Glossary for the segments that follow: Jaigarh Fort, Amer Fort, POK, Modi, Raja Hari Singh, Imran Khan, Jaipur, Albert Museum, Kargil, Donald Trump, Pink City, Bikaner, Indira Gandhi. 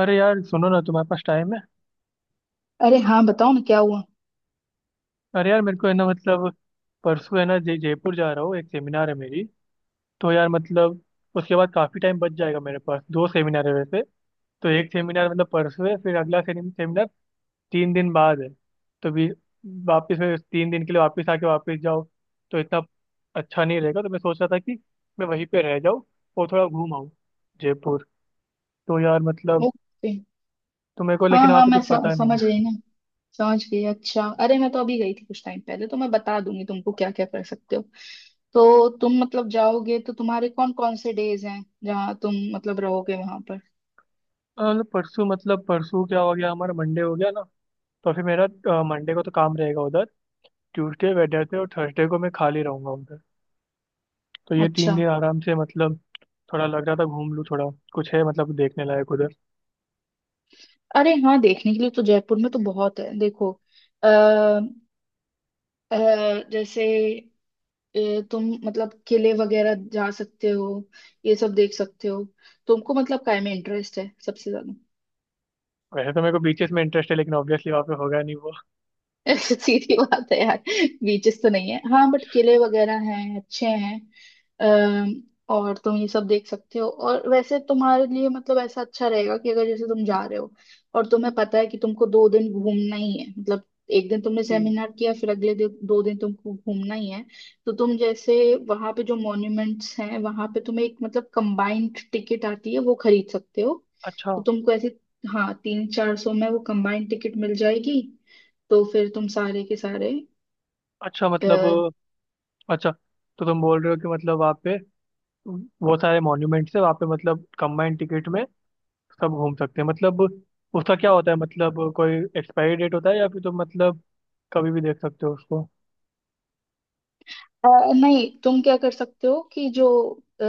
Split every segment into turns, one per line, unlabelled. अरे यार सुनो ना, तुम्हारे पास टाइम है?
अरे हाँ बताओ ना, क्या हुआ?
अरे यार, मेरे को है ना, मतलब परसों है ना, जय जयपुर जा रहा हूँ। एक सेमिनार है मेरी। तो यार मतलब उसके बाद काफी टाइम बच जाएगा मेरे पास। दो सेमिनार है वैसे। तो एक सेमिनार मतलब परसों है, फिर अगला सेमिनार तीन दिन बाद है। तो भी वापस फिर तीन दिन के लिए वापस आके वापस जाओ, तो इतना अच्छा नहीं रहेगा। तो मैं सोच रहा था कि मैं वहीं पे रह जाऊँ और थोड़ा घूम आऊँ जयपुर। तो यार मतलब,
ओके।
तो मेरे को
हाँ
लेकिन वहाँ
हाँ,
पे
मैं
कुछ पता नहीं
समझ गई
है।
ना। समझ गई। अच्छा, अरे मैं तो अभी गई थी कुछ टाइम पहले, तो मैं बता दूंगी तुमको क्या क्या कर सकते हो। तो तुम मतलब जाओगे तो तुम्हारे कौन कौन से डेज हैं जहाँ तुम मतलब रहोगे वहां पर?
मतलब परसों, मतलब परसों क्या हो गया हमारा, मंडे हो गया ना। तो फिर मेरा मंडे को तो काम रहेगा उधर। ट्यूसडे, वेडनेसडे और थर्सडे को मैं खाली रहूंगा उधर। तो ये तीन
अच्छा।
दिन आराम से मतलब थोड़ा लग रहा था घूम लूँ थोड़ा। कुछ है मतलब देखने लायक उधर?
अरे हाँ, देखने के लिए तो जयपुर में तो बहुत है, देखो। अ, अ, जैसे तुम मतलब किले वगैरह जा सकते हो, ये सब देख सकते हो। तुमको मतलब काय में इंटरेस्ट है सबसे ज्यादा?
वैसे तो मेरे को बीचेस में इंटरेस्ट है, लेकिन ऑब्वियसली वहाँ पे होगा नहीं वो।
सीधी बात है यार। बीचेस तो नहीं है हाँ, बट किले वगैरह हैं अच्छे हैं। अम, और तुम ये सब देख सकते हो। और वैसे तुम्हारे लिए मतलब ऐसा अच्छा रहेगा कि अगर जैसे तुम जा रहे हो और तुम्हें पता है कि तुमको 2 दिन घूमना ही है मतलब, एक दिन तुमने
तीन।
सेमिनार किया फिर अगले दिन 2 दिन तुमको घूमना ही है। तो तुम जैसे वहां पे जो मॉन्यूमेंट्स हैं वहां पे तुम्हें एक मतलब कंबाइंड टिकट आती है, वो खरीद सकते हो।
अच्छा।
तो तुमको ऐसे, हाँ तीन चार सौ में वो कंबाइंड टिकट मिल जाएगी। तो फिर तुम सारे के सारे
अच्छा मतलब,
आ,
अच्छा, तो तुम बोल रहे हो कि मतलब वहाँ पे वो सारे मॉन्यूमेंट्स है वहाँ पे मतलब कंबाइंड टिकट में सब घूम सकते हैं मतलब। उसका क्या होता है मतलब, कोई एक्सपायरी डेट होता है, या फिर तुम मतलब कभी भी देख सकते हो उसको?
नहीं, तुम क्या कर सकते हो कि जो अ,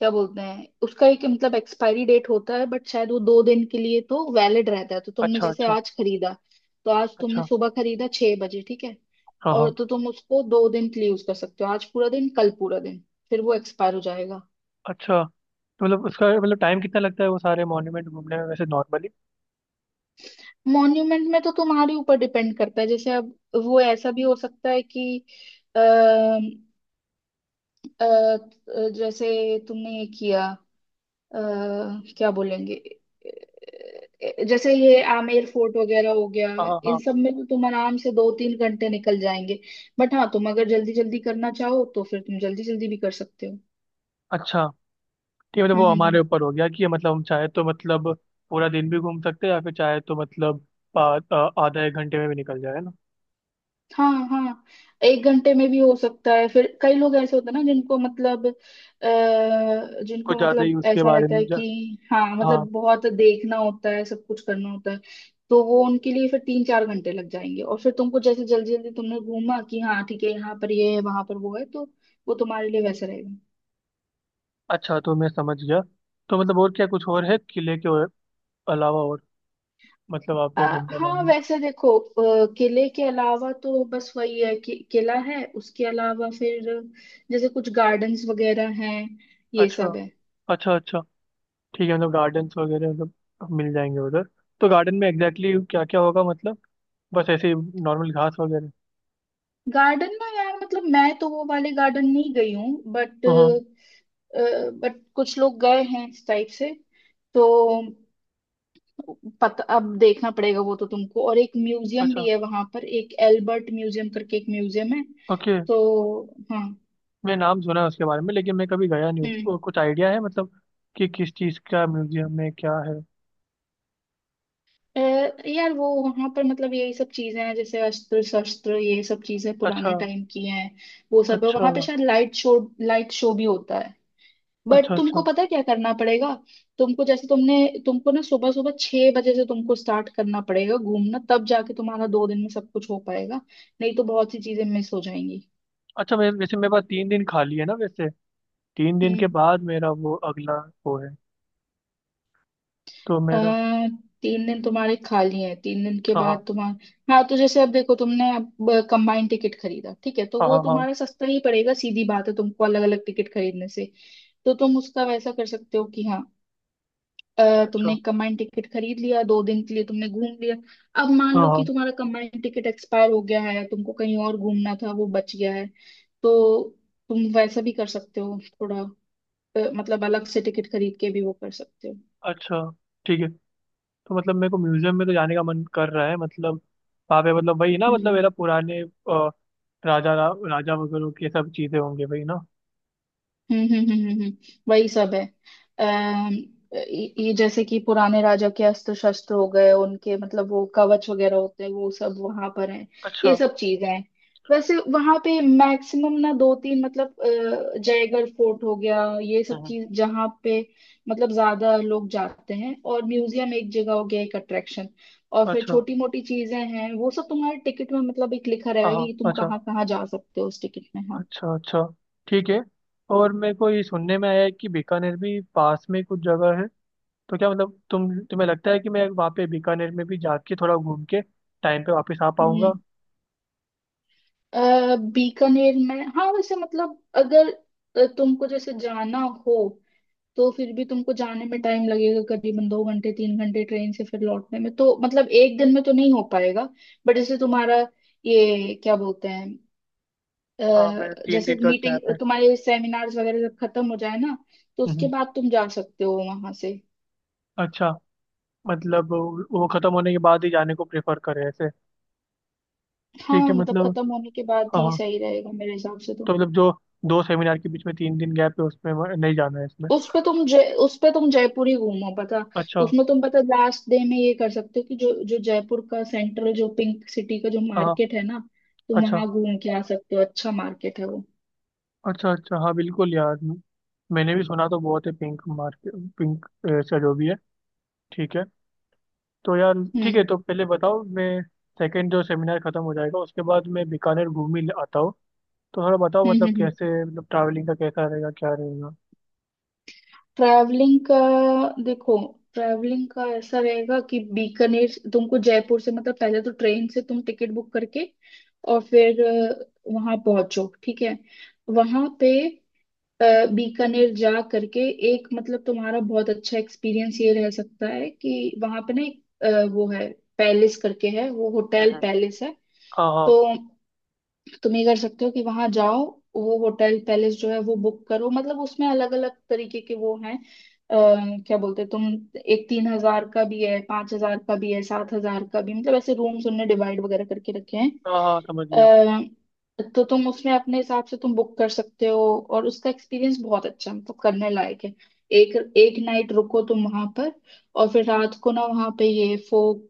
क्या बोलते हैं, उसका एक मतलब एक्सपायरी डेट होता है बट शायद वो 2 दिन के लिए तो वैलिड रहता है। तो तुमने
अच्छा।
जैसे
अच्छा।
आज खरीदा, तो आज तुमने
अच्छा।
सुबह खरीदा 6 बजे, ठीक है।
हाँ
और
हाँ।
तो तुम उसको 2 दिन के लिए यूज कर सकते हो, आज पूरा दिन कल पूरा दिन, फिर वो एक्सपायर हो जाएगा।
अच्छा, तो मतलब उसका मतलब टाइम कितना लगता है वो सारे मॉन्यूमेंट घूमने में वैसे नॉर्मली?
मॉन्यूमेंट में तो तुम्हारे ऊपर डिपेंड करता है, जैसे अब वो ऐसा भी हो सकता है कि अ, अ, जैसे तुमने ये किया अ, क्या बोलेंगे, जैसे ये आमेर फोर्ट वगैरह हो गया,
हाँ
इन
हाँ।
सब में तो तुम आराम से 2-3 घंटे निकल जाएंगे। बट हाँ तुम अगर जल्दी जल्दी करना चाहो तो फिर तुम जल्दी जल्दी भी कर सकते हो।
अच्छा। ठीक है, मतलब
हम्म
वो
हम्म
हमारे
हम्म।
ऊपर हो गया कि मतलब हम चाहे तो मतलब पूरा दिन भी घूम सकते हैं, या फिर चाहे तो मतलब आधा एक घंटे में भी निकल जाए, है ना?
हाँ हाँ, 1 घंटे में भी हो सकता है, फिर कई लोग ऐसे होते हैं ना जिनको मतलब
कुछ
जिनको
ज़्यादा ही
मतलब
उसके
ऐसा
बारे
रहता
में
है कि हाँ
हाँ।
मतलब बहुत देखना होता है, सब कुछ करना होता है। तो वो उनके लिए फिर 3-4 घंटे लग जाएंगे। और फिर तुमको जैसे जल्दी जल्दी तुमने घूमा कि हाँ ठीक है यहाँ पर ये है वहां पर वो है, तो वो तुम्हारे लिए वैसा रहेगा।
अच्छा, तो मैं समझ गया। तो मतलब और क्या, कुछ और है किले के अलावा और, मतलब आप पे घूमने
हाँ
लाए?
वैसे देखो, किले के अलावा तो बस वही है कि किला है, उसके अलावा फिर जैसे कुछ गार्डन्स वगैरह हैं, ये
अच्छा।
सब है।
अच्छा अच्छा। ठीक है, मतलब गार्डन्स वगैरह मतलब मिल जाएंगे उधर। तो गार्डन में एग्जैक्टली exactly क्या क्या होगा मतलब? बस ऐसे नॉर्मल घास वगैरह?
गार्डन ना यार, मतलब मैं तो वो वाले गार्डन नहीं गई हूँ बट,
हाँ।
कुछ लोग गए हैं इस टाइप से। तो पता, अब देखना पड़ेगा वो तो तुमको। और एक म्यूजियम
अच्छा।
भी है वहां पर, एक एल्बर्ट म्यूजियम करके एक म्यूजियम है,
ओके।
तो हाँ।
मैं नाम सुना है उसके बारे में, लेकिन मैं कभी गया नहीं हूँ।
हम्म।
कुछ आइडिया है मतलब कि किस चीज़ का म्यूजियम में क्या है?
अ, यार वो वहां पर मतलब यही सब चीजें हैं, जैसे अस्त्र शस्त्र ये सब चीजें
अच्छा।
पुराने टाइम की हैं। वो सब है
अच्छा।
वहां पे, शायद लाइट शो, लाइट शो भी होता है।
अच्छा।
बट तुमको
अच्छा।
पता है क्या करना पड़ेगा, तुमको जैसे तुमने तुमको ना सुबह सुबह 6 बजे से तुमको स्टार्ट करना पड़ेगा घूमना, तब जाके तुम्हारा 2 दिन में सब कुछ हो पाएगा। नहीं तो बहुत सी चीजें मिस हो जाएंगी।
अच्छा मैं वैसे, मेरे पास तीन दिन खाली है ना वैसे। तीन दिन
हम्म।
के बाद मेरा वो अगला वो है। तो
आ,
मेरा
3 दिन तुम्हारे खाली हैं, 3 दिन के
हाँ हाँ।
बाद तुम्हारा हाँ, तो जैसे अब देखो तुमने अब कंबाइंड टिकट खरीदा ठीक है, तो
हाँ
वो
हाँ हाँ,
तुम्हारा सस्ता ही पड़ेगा सीधी बात है, तुमको अलग अलग टिकट खरीदने से। तो तुम उसका वैसा कर सकते हो कि हाँ तुमने
अच्छा।
कमांड टिकट खरीद लिया, 2 दिन के लिए तुमने घूम लिया। अब मान
हाँ
लो
हाँ।
कि तुम्हारा कमांड टिकट एक्सपायर हो गया है, तुमको कहीं और घूमना था, वो बच गया है। तो तुम वैसा भी कर सकते हो थोड़ा, मतलब अलग से टिकट खरीद के भी वो कर सकते हो।
अच्छा। ठीक है, तो मतलब मेरे को म्यूजियम में तो जाने का मन कर रहा है मतलब। वहाँ पे मतलब वही ना, मतलब
हम्म
मेरा पुराने राजा रा, राजा वगैरह की सब चीज़ें होंगी वही ना?
हम्म। वही सब है। अम, ये जैसे कि पुराने राजा के अस्त्र शस्त्र हो गए, उनके मतलब वो कवच वगैरह होते हैं, वो सब वहां पर है,
अच्छा।
ये सब चीजें हैं। वैसे वहां पे मैक्सिमम ना दो तीन मतलब जयगढ़ फोर्ट हो गया, ये सब
हम्म,
चीज जहाँ पे मतलब ज्यादा लोग जाते हैं। और म्यूजियम एक जगह हो गया, एक अट्रैक्शन। और फिर
अच्छा।
छोटी मोटी चीजें हैं, वो सब तुम्हारे टिकट में मतलब एक लिखा
हाँ
रहेगा
हाँ,
कि तुम
अच्छा।
कहाँ कहाँ जा सकते हो उस टिकट में, हाँ।
अच्छा। अच्छा। ठीक है। और मेरे को ये सुनने में आया है कि बीकानेर भी पास में कुछ जगह है। तो क्या मतलब, तुम तुम्हें लगता है कि मैं वहाँ पे बीकानेर में भी जाके थोड़ा घूम के टाइम पे वापस आ पाऊंगा?
हम्म। बीकानेर में हाँ वैसे मतलब अगर तुमको जैसे जाना हो, तो फिर भी तुमको जाने में टाइम लगेगा करीबन 2-3 घंटे ट्रेन से। फिर लौटने में तो मतलब एक दिन में तो नहीं हो पाएगा। बट जैसे तुम्हारा, ये क्या बोलते हैं,
हाँ, मेरा तीन
जैसे
दिन का
मीटिंग
गैप है।
तुम्हारे सेमिनार्स वगैरह जब खत्म हो जाए ना, तो उसके
हम्म,
बाद तुम जा सकते हो वहां से।
अच्छा। मतलब वो खत्म होने के बाद ही जाने को प्रेफर करें ऐसे?
हाँ
ठीक है
मतलब
मतलब।
खत्म होने के बाद
हाँ
ही
हाँ।
सही रहेगा मेरे हिसाब से तो।
तो मतलब जो दो सेमिनार के बीच में तीन दिन गैप है उसमें नहीं जाना है इसमें?
उस पे तुम जयपुर ही घूमो। पता
अच्छा।
उसमें तुम पता, लास्ट डे में ये कर सकते हो कि जो जो जयपुर का सेंट्रल, जो पिंक सिटी का जो
हाँ हाँ,
मार्केट है ना तुम
अच्छा।
वहां घूम के आ सकते हो, अच्छा मार्केट है वो।
अच्छा। अच्छा हाँ, बिल्कुल यार। मैंने भी सुना तो बहुत है, पिंक मार्केट, पिंक, ऐसा जो भी है। ठीक है। तो यार ठीक है,
हम्म
तो पहले बताओ। मैं सेकंड जो सेमिनार खत्म हो जाएगा उसके बाद मैं बीकानेर घूम ही आता हूँ। तो थोड़ा बताओ मतलब
हम्म।
कैसे, मतलब ट्रैवलिंग का कैसा रहेगा, क्या रहेगा?
ट्रैवलिंग का, देखो, ट्रैवलिंग का ऐसा रहेगा कि बीकानेर तुमको जयपुर से मतलब पहले तो ट्रेन से तुम टिकट बुक करके और फिर वहां पहुंचो, ठीक है। वहां पे अ, बीकानेर जा करके एक मतलब तुम्हारा बहुत अच्छा एक्सपीरियंस ये रह सकता है कि वहां पे ना एक वो है पैलेस करके है, वो होटल
हम्म।
पैलेस है।
हाँ हाँ।
तो तो तुम ये कर सकते हो कि वहां जाओ, वो होटल पैलेस जो है वो बुक करो, मतलब उसमें अलग अलग तरीके के वो हैं अ, क्या बोलते हैं तुम, एक 3,000 का भी है, 5,000 का भी है, 7,000 का भी, मतलब ऐसे रूम्स उनने डिवाइड वगैरह करके रखे हैं।
हाँ हाँ, समझ गया।
तो तुम उसमें अपने हिसाब से तुम बुक कर सकते हो, और उसका एक्सपीरियंस बहुत अच्छा है, मतलब करने लायक है। एक एक नाइट रुको तुम वहां पर, और फिर रात को ना वहां पे ये फोक,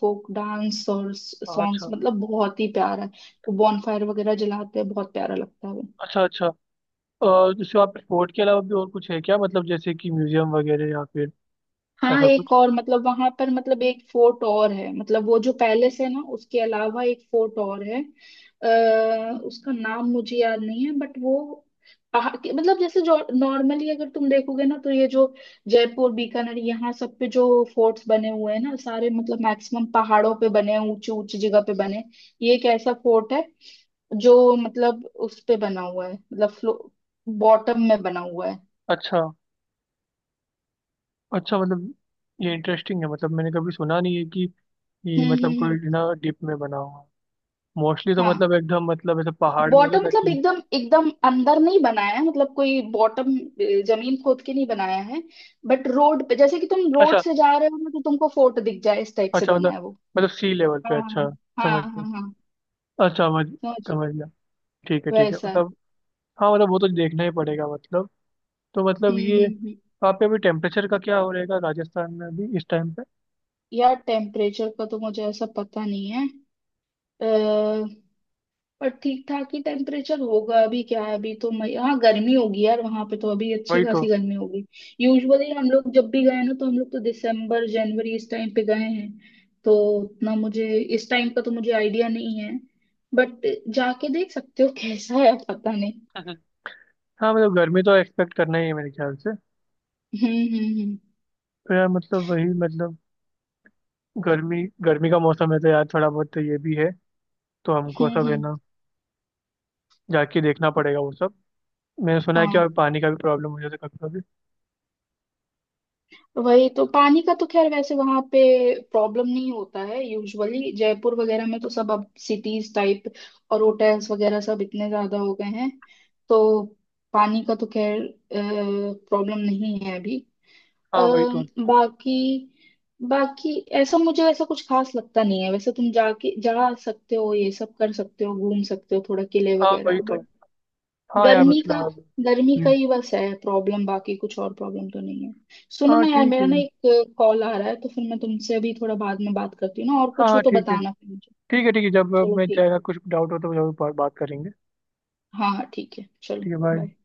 फोक डांस और
हाँ,
सॉन्ग्स,
अच्छा।
मतलब बहुत ही प्यारा। वो बॉनफायर वगैरह जलाते हैं, बहुत प्यारा लगता है वो।
अच्छा। अच्छा। और जैसे आप स्पोर्ट के अलावा भी और कुछ है क्या, मतलब जैसे कि म्यूजियम वगैरह, या फिर
हाँ
ऐसा
एक
कुछ?
और मतलब वहां पर मतलब एक फोर्ट और है, मतलब वो जो पैलेस है ना उसके अलावा एक फोर्ट और है, अः उसका नाम मुझे याद नहीं है बट वो पहाड़ के मतलब, जैसे जो नॉर्मली अगर तुम देखोगे ना तो ये जो जयपुर बीकानेर यहाँ सब पे जो फोर्ट्स बने हुए हैं ना सारे मतलब मैक्सिमम पहाड़ों पे बने हैं, ऊंची ऊंची जगह पे बने हैं। ये एक ऐसा फोर्ट है जो मतलब उस पे बना हुआ है, मतलब बॉटम में बना हुआ है।
अच्छा। अच्छा मतलब, ये इंटरेस्टिंग है। मतलब मैंने कभी सुना नहीं है कि ये
हम्म
मतलब
हम्म हम्म।
कोई ना डिप में बना हुआ। मोस्टली तो
हाँ,
मतलब एकदम, मतलब ऐसे पहाड़ में होता
बॉटम
था
मतलब
कि।
एकदम एकदम अंदर नहीं बनाया है, मतलब कोई बॉटम जमीन खोद के नहीं बनाया है, बट रोड पे जैसे कि तुम रोड
अच्छा।
से जा रहे हो ना तो तुमको फोर्ट दिख जाए इस टाइप से
अच्छा
बना
मतलब,
है वो।
मतलब सी लेवल पे,
हाँ
अच्छा।
हाँ
समझ गया।
हाँ। हाँ
अच्छा समझ
समझ।
समझ गया। ठीक है, ठीक है
वैसा है।
मतलब। हाँ मतलब वो तो देखना ही पड़ेगा मतलब। तो मतलब ये
हम्म।
वहाँ पे अभी टेम्परेचर का क्या हो रहेगा राजस्थान में अभी इस टाइम पे?
यार टेम्परेचर का तो मुझे ऐसा पता नहीं है, पर ठीक ठाक ही टेम्परेचर होगा। अभी क्या है, अभी तो मई, हाँ गर्मी होगी यार, वहां पे तो अभी अच्छी
वही
खासी
तो।
गर्मी होगी। यूजुअली हम लोग जब भी गए ना तो हम लोग तो दिसंबर जनवरी इस टाइम पे गए हैं, तो उतना मुझे इस टाइम का तो मुझे आइडिया नहीं है। बट जाके देख सकते हो कैसा है, पता नहीं।
हम्म। हाँ मतलब गर्मी तो एक्सपेक्ट करना ही है मेरे ख्याल से।
हम्म हम्म हम्म
तो यार मतलब वही मतलब, गर्मी, गर्मी का मौसम है तो यार थोड़ा बहुत तो ये भी है। तो हमको सब है
हम्म।
ना, जाके देखना पड़ेगा वो सब। मैंने सुना है कि
हाँ
और पानी का भी प्रॉब्लम हो जाता है कभी कभी।
वही तो, पानी का तो खैर वैसे वहां पे प्रॉब्लम नहीं होता है यूजुअली, जयपुर वगैरह में तो सब अब सिटीज टाइप और होटल्स वगैरह सब इतने ज्यादा हो गए हैं, तो पानी का तो खैर प्रॉब्लम नहीं है अभी। अ,
हाँ वही तो।
बाकी, ऐसा मुझे ऐसा कुछ खास लगता नहीं है, वैसे तुम जाके जा सकते हो, ये सब कर सकते हो, घूम सकते हो थोड़ा किले
हाँ वही
वगैरह,
तो।
बट
हाँ यार
गर्मी का,
मतलब। हम्म।
ही बस है प्रॉब्लम, बाकी कुछ और प्रॉब्लम तो नहीं है। सुनो
हाँ
ना यार,
ठीक
मेरा
है।
ना एक कॉल आ रहा है, तो फिर मैं तुमसे अभी थोड़ा बाद में बात करती हूँ ना, और
हाँ
कुछ हो
हाँ
तो
ठीक है।
बताना फिर मुझे।
ठीक है, ठीक है, जब
चलो
मैं
ठीक।
जाएगा कुछ डाउट हो तो जरूर बात बात करेंगे।
हाँ हाँ ठीक है चलो।
ठीक है,
बाय।
बाय।